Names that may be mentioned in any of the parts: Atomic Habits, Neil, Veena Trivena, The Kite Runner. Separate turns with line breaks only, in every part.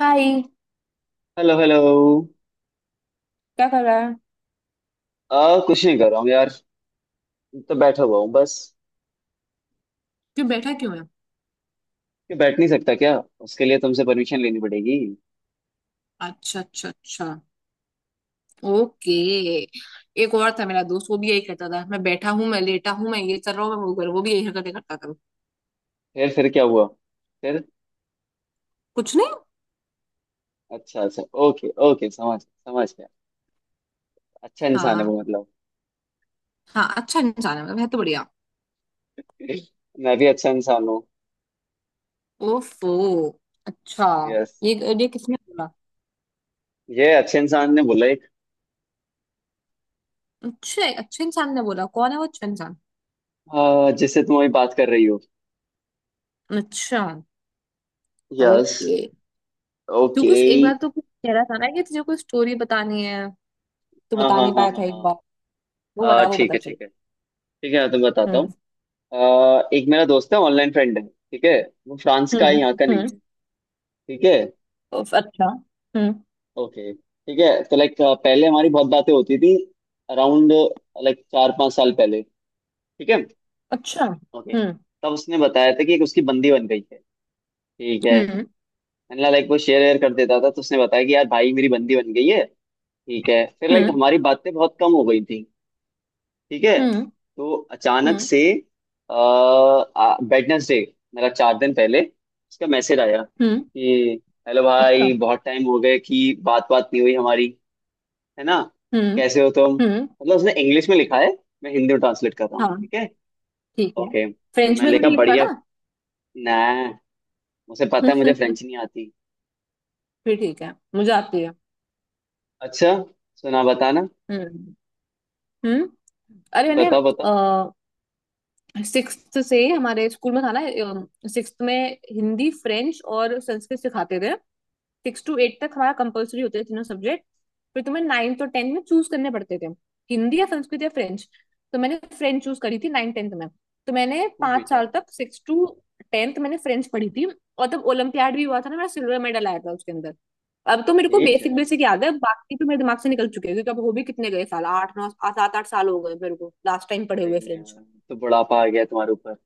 हाय।
Hello hello.
क्या कर रहा है?
आ कुछ नहीं कर रहा हूँ यार। तो बैठा हुआ हूँ बस।
क्यों बैठा, क्यों है?
कि बैठ नहीं सकता क्या। उसके लिए तुमसे परमिशन लेनी पड़ेगी।
अच्छा, अच्छा, अच्छा। ओके। एक और था मेरा दोस्त, वो भी यही कहता था, मैं बैठा हूँ, मैं लेटा हूँ, मैं ये कर रहा हूँ, मैं वो कर रहा हूँ। वो भी यही हरकतें करता था।
फिर क्या हुआ। फिर।
कुछ नहीं।
अच्छा अच्छा ओके ओके समझ समझ गया। अच्छा इंसान है
हाँ।
वो मतलब।
हाँ, अच्छा इंसान है, मतलब है तो बढ़िया।
मैं भी अच्छा इंसान हूँ।
ओफो। अच्छा।
यस।
ये ये किसने बोला?
ये अच्छे इंसान ने बोला एक।
अच्छा, अच्छे इंसान ने बोला, कौन है वो अच्छा इंसान?
जिससे तुम अभी बात कर रही हो।
अच्छा।
यस।
ओके। तू
ओके।
कुछ एक बार तो कुछ कह रहा था ना कि तुझे कोई स्टोरी बतानी है, तू
हाँ
बता
हाँ
नहीं
हाँ
पाया था एक
हाँ।
बार।
हाँ
वो
ठीक
पता
है
चल।
ठीक है। ठीक है मैं तुम्हें बताता हूँ।
हम्म,
एक मेरा दोस्त है ऑनलाइन फ्रेंड है ठीक है। वो फ्रांस का है
हम्म,
यहाँ का नहीं
हम्म।
है। ठीक है।
उफ, अच्छा। हम्म।
ओके ठीक है तो लाइक पहले हमारी बहुत बातें होती थी। अराउंड लाइक 4 5 साल पहले। ठीक है।
अच्छा।
ओके।
हम्म,
तब उसने बताया था कि एक उसकी बंदी बन गई है। ठीक है।
हम्म,
मैंने लाइक वो शेयर वेयर कर देता था तो उसने बताया कि यार भाई मेरी बंदी बन गई है। ठीक है फिर लाइक
हम्म,
हमारी बातें बहुत कम हो गई थी। ठीक है।
हम्म,
तो अचानक
हम्म,
से वेडनेसडे मेरा 4 दिन पहले उसका मैसेज आया
हम्म।
कि हेलो
अच्छा।
भाई बहुत टाइम हो गए कि बात बात नहीं हुई हमारी। है ना।
हम्म,
कैसे हो तुम
हम्म।
मतलब उसने इंग्लिश में लिखा है। मैं हिंदी में ट्रांसलेट कर रहा हूँ
हाँ,
ठीक है।
ठीक है।
ओके तो
फ्रेंच
मैंने
में तो
लिखा
नहीं लिखा
बढ़िया।
ना?
ना। मुझे पता है मुझे फ्रेंच नहीं आती।
फिर ठीक है, मुझे आती है।
अच्छा। सुना बताना।
हम्म, हम्म। अरे मैंने
बताओ बताओ।
सिक्स्थ से ही हमारे स्कूल में था ना, सिक्स्थ में हिंदी, फ्रेंच और संस्कृत सिखाते थे। सिक्स टू एट तक हमारा कंपलसरी होते थे तीनों सब्जेक्ट। फिर तुम्हें नाइन्थ और टेंथ में चूज करने पड़ते थे, हिंदी या संस्कृत या फ्रेंच। तो मैंने फ्रेंच चूज करी थी नाइन टेंथ में। तो मैंने
वो
पांच
बेटा।
साल तक, सिक्स टू टेंथ, मैंने फ्रेंच पढ़ी थी। और तब ओलंपियाड भी हुआ था ना मेरा, सिल्वर मेडल आया था उसके अंदर। अब तो मेरे को
ठीक है।
बेसिक बेसिक याद है, बाकी तो मेरे दिमाग से निकल चुके हैं, क्योंकि अब हो भी कितने गए साल, आठ नौ 7-8 साल हो गए मेरे को लास्ट टाइम पढ़े
सही
हुए
में
फ्रेंच।
यार, तो बुढ़ापा आ गया तुम्हारे ऊपर।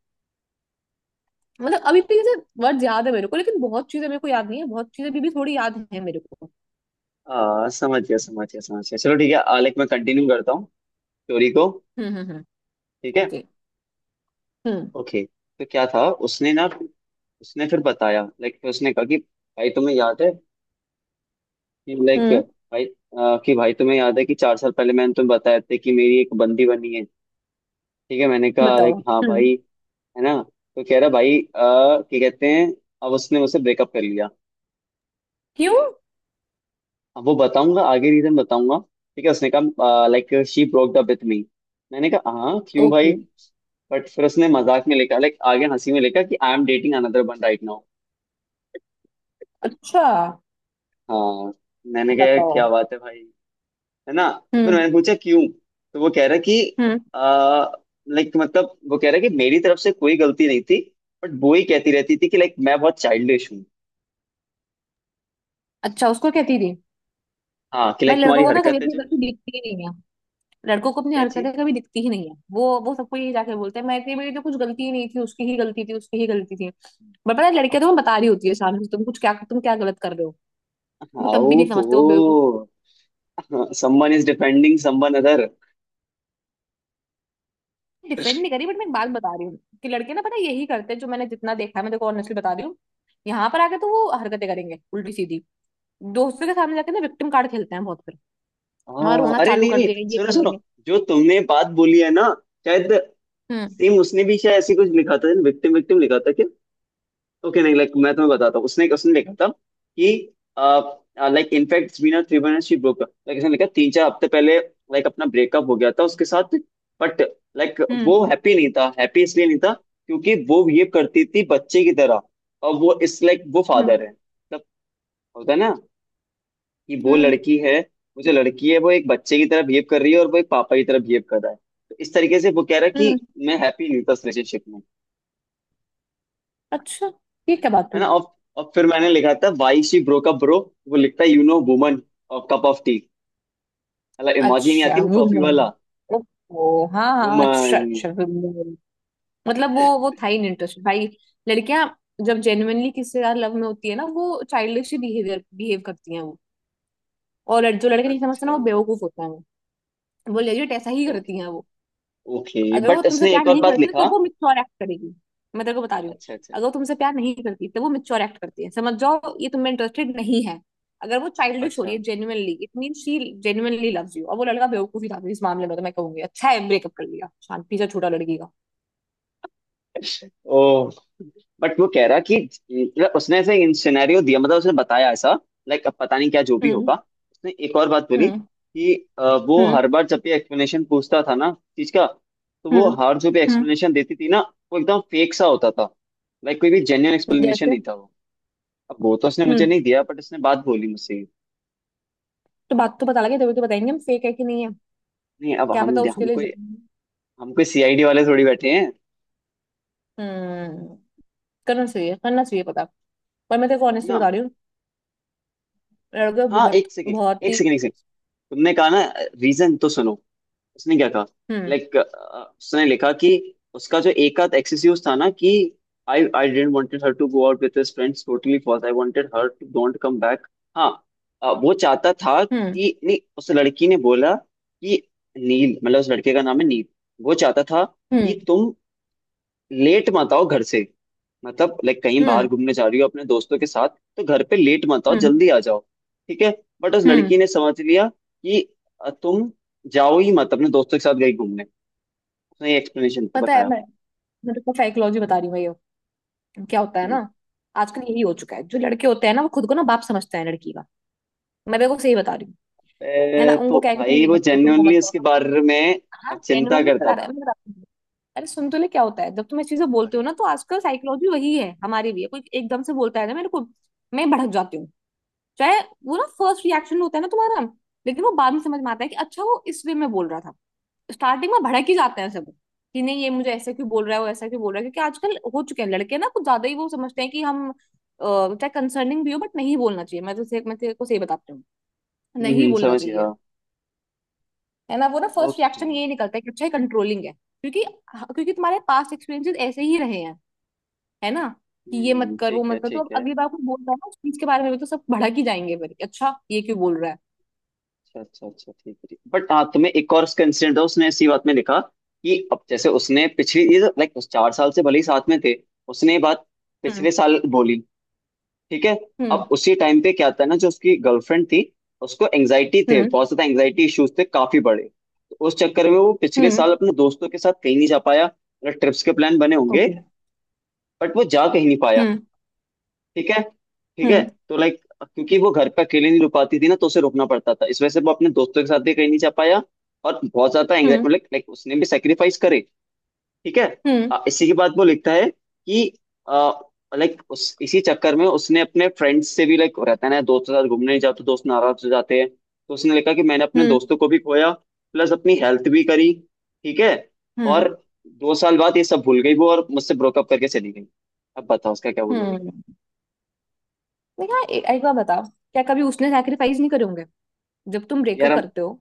मतलब अभी भी जैसे वर्ड याद है मेरे को, लेकिन बहुत चीजें मेरे को याद नहीं है, बहुत चीजें अभी भी थोड़ी याद है मेरे को।
आ समझ गया समझ गया समझ गया। चलो ठीक है आलेख मैं कंटिन्यू करता हूँ स्टोरी को।
हम्म, हम्म, हम्म।
ठीक है।
ओके। हम्म। Okay। हम्म।
ओके। तो क्या था। उसने ना। उसने फिर बताया लाइक फिर उसने कहा कि भाई तुम्हें याद है। लाइक
हम्म।
भाई कि भाई तुम्हें याद है कि 4 साल पहले मैंने तुम्हें बताया था कि मेरी एक बंदी बनी है। ठीक है मैंने कहा
बताओ।
लाइक हाँ भाई।
हम्म।
है ना। तो कह रहा भाई क्या कहते हैं। अब उसने मुझसे ब्रेकअप कर लिया।
क्यों?
अब वो बताऊंगा आगे रीजन बताऊंगा। ठीक है उसने कहा like she broke up with me. मैंने कहा हाँ क्यों भाई।
ओके।
बट फिर उसने मजाक में लिखा लाइक आगे हंसी में लिखा कि I am dating another one right now.
अच्छा।
हाँ। मैंने कहा
बताओ।
क्या बात है भाई। है ना। तो फिर
हम्म,
मैंने पूछा क्यों। तो वो कह रहा कि
हम्म।
आ, लाइक मतलब वो कह रहा कि मेरी तरफ से कोई गलती नहीं थी। बट वो ही कहती रहती थी कि लाइक मैं बहुत चाइल्डिश हूँ।
अच्छा, उसको कहती थी?
हाँ कि
भाई,
लाइक
लड़कों
तुम्हारी
को ना कभी
हरकत है
अपनी
जो।
गलती दिखती ही नहीं है। लड़कों को अपनी
क्या चीज।
हरकतें कभी दिखती ही नहीं है। वो सबको ये जाके बोलते हैं, मैं थी मेरी तो कुछ गलती ही नहीं थी, उसकी ही गलती थी, उसकी ही गलती थी। बट पता है, लड़कियां तुम्हें बता रही होती है सामने से, तुम कुछ क्या, तुम क्या गलत कर रहे हो। वो तब
हाउ
भी नहीं समझते, वो
हो।
बेवकूफ।
Someone is defending someone other.
Defend नहीं करी, बट मैं एक बात बता रही हूँ कि लड़के ना, पता है, यही करते हैं, जो मैंने जितना देखा है, मैं देखो ऑनेस्टली बता रही हूँ। यहाँ पर आके तो वो हरकतें करेंगे उल्टी सीधी, दोस्तों के सामने जाके ना विक्टिम कार्ड खेलते हैं बहुत फिर। हाँ,
हाँ
रोना
अरे
चालू
नहीं
कर
नहीं।
दिया, ये
सुनो
कर
सुनो।
दिया।
जो तुमने बात बोली है ना। शायद।
हम्म,
सेम उसने भी शायद ऐसी कुछ लिखा था विक्टिम विक्टिम लिखा था। ओके नहीं लाइक मैं तुम्हें बताता हूँ उसने उसने लिखा था कि like in fact Veena Trivena she broke like इसने लिखा 3 4 हफ्ते पहले लाइक अपना ब्रेकअप हो गया था उसके साथ। बट लाइक
हम्म,
वो हैप्पी नहीं था हैप्पी इसलिए नहीं था क्योंकि वो बिहेव करती थी बच्चे की तरह। और वो इस लाइक वो
हम्म,
फादर है मतलब। होता है ना। कि वो
हम्म,
लड़की है। वो जो लड़की है वो एक बच्चे की तरह बिहेव कर रही है और वो एक पापा की तरह बिहेव कर रहा है। तो इस तरीके से वो कह रहा है
हम्म।
कि मैं हैप्पी नहीं था उस रिलेशनशिप में।
अच्छा, ये क्या बात
है
हुई?
ना और फिर मैंने लिखा था why she broke up bro. वो लिखता है यू नो वुमन और कप ऑफ टी। मतलब इमोजी नहीं
अच्छा,
आती वो कॉफी
वुमेन।
वाला।
ओहो, हाँ, हाँ, अच्छा,
वुमन।
अच्छा, वुमेन। मतलब वो था ही नहीं इंटरेस्ट भाई। लड़कियां जब जेन्युइनली किसी यार लव में होती है ना, वो चाइल्डिश बिहेवियर बिहेव करती हैं वो। और जो लड़के नहीं समझते ना,
अच्छा।
वो बेवकूफ होता है वो। वो लेजिट ऐसा ही करती
ओके
हैं वो।
ओके
अगर वो
बट
तुमसे
इसने
प्यार
एक और
नहीं
बात
करती तो तब
लिखा।
वो मिच्योर एक्ट करेगी। मैं तेरे को बता रही हूँ।
अच्छा अच्छा
अगर वो तुमसे प्यार नहीं करती तब वो मिच्योर एक्ट करती है, समझ जाओ ये तुम्हें इंटरेस्टेड नहीं है। अगर वो चाइल्डिश हो रही
अच्छा।
है genuinely, it mean she genuinely loves you, और वो लड़का बेवकूफी था इस मामले में, तो मैं कहूंगी अच्छा है, ब्रेकअप कर लिया शांति से, छोटा लड़की का।
ओ। बट वो कह रहा कि मतलब उसने ऐसे इन सिनेरियो दिया मतलब उसने बताया ऐसा। लाइक अब पता नहीं क्या जो भी होगा।
हम्म,
उसने एक और बात बोली
हम्म,
कि वो
हम्म,
हर बार जब भी एक्सप्लेनेशन पूछता था ना चीज का। तो वो
हम्म,
हर जो भी
हम्म।
एक्सप्लेनेशन देती थी ना वो एकदम फेक सा होता था। लाइक कोई भी जेन्युइन एक्सप्लेनेशन
जैसे?
नहीं था वो। अब वो तो उसने मुझे
हम्म।
नहीं दिया बट उसने बात बोली मुझसे ये।
तो बात तो पता लगे तभी तो बताएंगे हम फेक है कि नहीं है।
नहीं अब
क्या पता, उसके
हम
लिए
कोई हम कोई सीआईडी वाले थोड़ी बैठे हैं। है
हम्म। करना चाहिए, करना चाहिए पता। पर मैं तेरे को honestly
ना।
बता रही हूँ। लड़के
हाँ
बहुत
एक सेकेंड
बहुत
एक
ही।
सेकेंड एक सेकेंड। तुमने कहा ना। रीजन तो सुनो। उसने क्या कहा।
हम्म,
लाइक उसने लिखा कि उसका जो एक आध एक्सक्यूज था ना कि I I didn't wanted her to go out with his friends totally false I wanted her to don't come back. हाँ। वो चाहता था
हम्म,
कि नहीं उस लड़की ने बोला कि नील मतलब उस लड़के का नाम है नील। वो चाहता था
हम्म,
कि तुम लेट मत आओ घर से। मतलब लाइक कहीं बाहर
हम्म,
घूमने जा रही हो अपने दोस्तों के साथ। तो घर पे लेट मत आओ
हम्म,
जल्दी आ जाओ। ठीक है। बट उस लड़की
हम्म।
ने समझ लिया कि तुम जाओ ही मत अपने दोस्तों के साथ गई घूमने। उसने ये एक्सप्लेनेशन पे
पता है
बताया।
मैं तो साइकोलॉजी बता रही हूँ, मैं ये, क्या होता है ना,
हम्म
आजकल यही हो चुका है। जो लड़के होते हैं ना, वो खुद को ना बाप समझते हैं लड़की का। मैं देखो सही बता रही हूँ। है ना,
ए, तो
उनको क्या है कि तुम
भाई
ये
वो
मत करो, तुम वो मत
जेन्युइनली
करो,
उसके बारे में
हाँ,
चिंता
जेन्युइनली
करता
बता रहा है
था।
मैं बताती हूँ। अरे सुन तो ले क्या होता है जब तुम ये चीजें बोलते हो
आगे।
ना, तो आजकल साइकोलॉजी वही है, हमारी भी है, कोई एकदम से बोलता है ना मेरे को, मैं भड़क जाती हूँ। चाहे, वो ना फर्स्ट रिएक्शन होता है ना तुम्हारा, लेकिन वो बाद में समझ में आता है कि अच्छा, वो इस वे में बोल रहा था। स्टार्टिंग में भड़क ही जाते हैं सब, कि नहीं ये मुझे ऐसे क्यों बोल रहा है, वो ऐसा क्यों बोल रहा है? क्योंकि आजकल हो चुके हैं लड़के ना कुछ ज्यादा ही, वो समझते हैं कि हम चाहे कंसर्निंग भी हो, बट नहीं बोलना चाहिए। मैं तेरे को सही बताती हूँ, नहीं बोलना
समझ गया।
चाहिए। है ना, वो ना फर्स्ट
ओके
रिएक्शन यही निकलता है कि अच्छा, कंट्रोलिंग है, क्योंकि हाँ, क्योंकि तुम्हारे पास्ट एक्सपीरियंसेस ऐसे ही रहे हैं। है ना, कि ये मत कर, वो
ठीक है
मत कर। तो अब
ठीक है।
अगली बार कोई बोलता है ना उस चीज के बारे में भी, तो सब भड़क ही जाएंगे फिर कि अच्छा, ये क्यों बोल रहा है?
अच्छा अच्छा अच्छा ठीक है बट हाँ तुम्हें एक और कंसिडर था उसने इसी बात में लिखा। कि अब जैसे उसने पिछली ये लाइक उस 4 साल से भले ही साथ में थे। उसने ये बात
हम्म,
पिछले साल बोली। ठीक है।
हम्म,
अब उसी टाइम पे क्या था ना जो उसकी गर्लफ्रेंड थी उसको एंग्जाइटी थे
हम्म,
बहुत ज्यादा एंग्जाइटी इश्यूज थे काफी बड़े तो उस चक्कर में वो पिछले साल
हम्म।
अपने दोस्तों के साथ कहीं नहीं जा पाया मतलब ट्रिप्स के प्लान बने होंगे।
ओके।
बट वो जा कहीं नहीं पाया।
हम्म,
ठीक है। ठीक है।
हम्म,
तो लाइक क्योंकि वो घर पे अकेले नहीं रुक पाती थी ना तो उसे रुकना पड़ता था इस वजह से वो अपने दोस्तों के साथ भी कहीं नहीं जा पाया। और बहुत ज्यादा
हम्म,
एंग्जाइटी मतलब लाइक उसने भी सेक्रीफाइस करे। ठीक है।
हम्म,
इसी के बाद वो लिखता है कि लाइक उस इसी चक्कर में उसने अपने फ्रेंड्स से भी लाइक रहता है ना दोस्तों के साथ घूमने नहीं जाओ तो दोस्त नाराज हो जाते हैं तो उसने लिखा कि मैंने अपने
हम्म,
दोस्तों को भी खोया। प्लस अपनी हेल्थ भी करी। ठीक है। और
हम्म,
2 साल बाद ये सब भूल गई वो और मुझसे ब्रोकअप करके चली गई। अब बताओ उसका क्या बोलोगे।
हम्म। देखा, एक बार बताओ, क्या कभी उसने सैक्रिफाइस नहीं करे होंगे जब तुम ब्रेकअप
यार।
करते हो?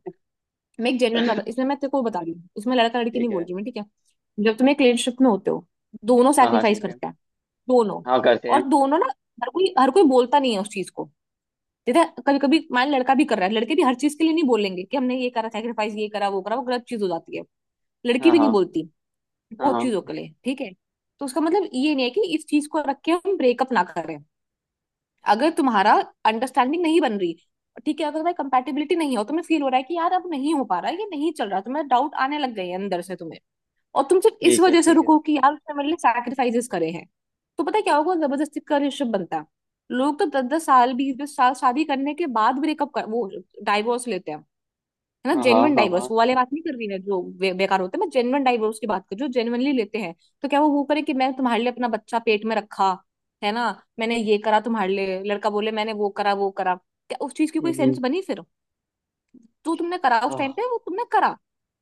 मैं एक जेन्युइन
हम।
बात इसमें मैं तेरे को बता रही हूँ, इसमें लड़का लड़की नहीं
ठीक
बोल
है।
रही मैं, ठीक है? जब तुम एक रिलेशनशिप में होते हो, दोनों
हाँ हाँ
सैक्रिफाइस
ठीक है।
करते हैं, दोनों।
हाँ करते
और
हैं।
दोनों ना, हर कोई बोलता नहीं है उस चीज को। जैसे कभी कभी, मान लड़का भी कर रहा है, लड़के भी हर चीज के लिए नहीं बोलेंगे कि हमने ये करा सैक्रिफाइस, ये करा, वो करा, वो गलत चीज हो जाती है। लड़की
हाँ
भी नहीं
हाँ
बोलती
हाँ
बहुत
हाँ
चीजों के लिए, ठीक है। तो उसका मतलब ये नहीं है कि इस चीज को रख के हम ब्रेकअप ना करें। अगर तुम्हारा अंडरस्टैंडिंग नहीं बन रही, ठीक है, अगर तुम्हारी कंपेटिबिलिटी नहीं है और तुम्हें फील हो रहा है कि यार, अब नहीं हो पा रहा है, ये नहीं चल रहा, तुम्हें डाउट आने लग गए हैं अंदर से तुम्हें, और तुम सिर्फ इस
ठीक है।
वजह से
ठीक है
रुको कि यार, उसने मेरे लिए सैक्रिफाइसेस करे हैं, तो पता है क्या होगा? जबरदस्ती का रिलेशनशिप बनता है। लोग तो 10-10 साल, 20-20 साल शादी करने के बाद ब्रेकअप कर, वो डाइवोर्स लेते हैं। है ना,
हाँ हाँ
जेन्युइन
हाँ
डाइवर्स,
हाँ
वो वाले बात नहीं कर रही मैं, जो बेकार होते हैं, मैं जेन्युइन डाइवर्स की बात कर रही हूँ जो जेन्युइनली लेते हैं। तो क्या वो करे कि मैंने तुम्हारे लिए अपना बच्चा पेट में रखा, है ना, मैंने ये करा तुम्हारे लिए, लड़का बोले मैंने वो करा, वो करा। क्या उस चीज की कोई सेंस
हम्म।
बनी फिर? जो तुमने करा उस टाइम पे, वो तुमने करा,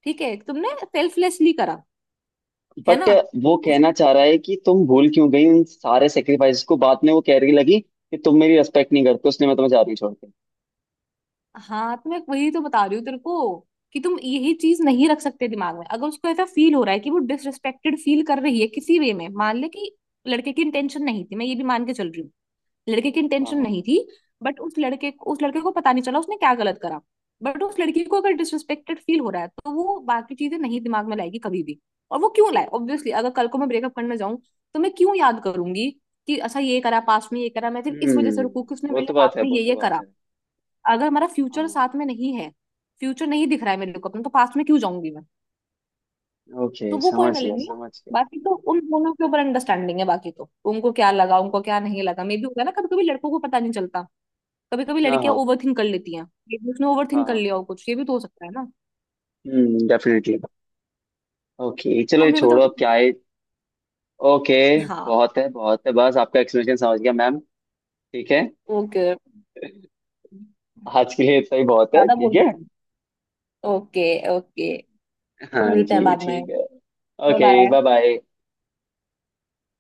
ठीक है, तुमने सेल्फलेसली करा, है ना?
बट वो
उसने।
कहना चाह रहा है कि तुम भूल क्यों गई उन सारे सेक्रीफाइस को बाद में वो कह रही लगी कि तुम मेरी रेस्पेक्ट नहीं करते उसने मैं तुम्हें जा रही छोड़ के।
हाँ, तो मैं वही तो बता रही हूँ तेरे को कि तुम यही चीज नहीं रख सकते दिमाग में। अगर उसको ऐसा फील हो रहा है कि वो डिसरिस्पेक्टेड फील कर रही है किसी वे में, मान ले कि लड़के की इंटेंशन नहीं थी, मैं ये भी मान के चल रही हूँ, लड़के की
हाँ
इंटेंशन
हाँ
नहीं थी, बट उस लड़के को पता नहीं चला उसने क्या गलत करा, बट उस लड़की को अगर डिसरिस्पेक्टेड फील हो रहा है, तो वो बाकी चीजें नहीं दिमाग में लाएगी कभी भी। और वो क्यों लाए? ऑब्वियसली, अगर कल को मैं ब्रेकअप करने जाऊं, तो मैं क्यों याद करूंगी कि अच्छा, ये करा पास्ट में, ये करा, मैं सिर्फ इस वजह से
हम्म
रुकू कि उसने
वो
मेरे लिए
तो बात
पास्ट
है
में
वो
ये
तो
ये
बात
करा?
है।
अगर हमारा फ्यूचर
हाँ
साथ में नहीं है, फ्यूचर नहीं दिख रहा है मेरे को अपना, तो पास्ट में क्यों जाऊंगी मैं?
ओके
तो वो पॉइंट
समझ गया
लेनी है,
समझ गया।
बाकी तो उन दोनों के ऊपर अंडरस्टैंडिंग है, बाकी तो उनको क्या लगा, उनको क्या नहीं लगा, मे भी होगा ना, कभी कभी लड़कों को पता नहीं चलता, कभी कभी
हाँ
लड़कियां
हाँ
ओवर थिंक कर लेती हैं। ये भी उसने ओवर
हाँ
थिंक कर
हाँ
लिया हो कुछ, ये भी तो हो सकता है ना।
डेफिनेटली। ओके चलो
और
ये
मेरे को तो
छोड़ो अब
लगता
क्या है। ओके।
है, हाँ।
बहुत है बस आपका एक्सप्लेनेशन समझ गया मैम। ठीक है।
ओके,
आज के लिए इतना ही बहुत है
ज्यादा बोल
ठीक है।
देती हूँ। ओके। ओके,
हाँ
मिलते हैं
जी
बाद में।
ठीक है।
Bye,
okay bye
bye.
Bye.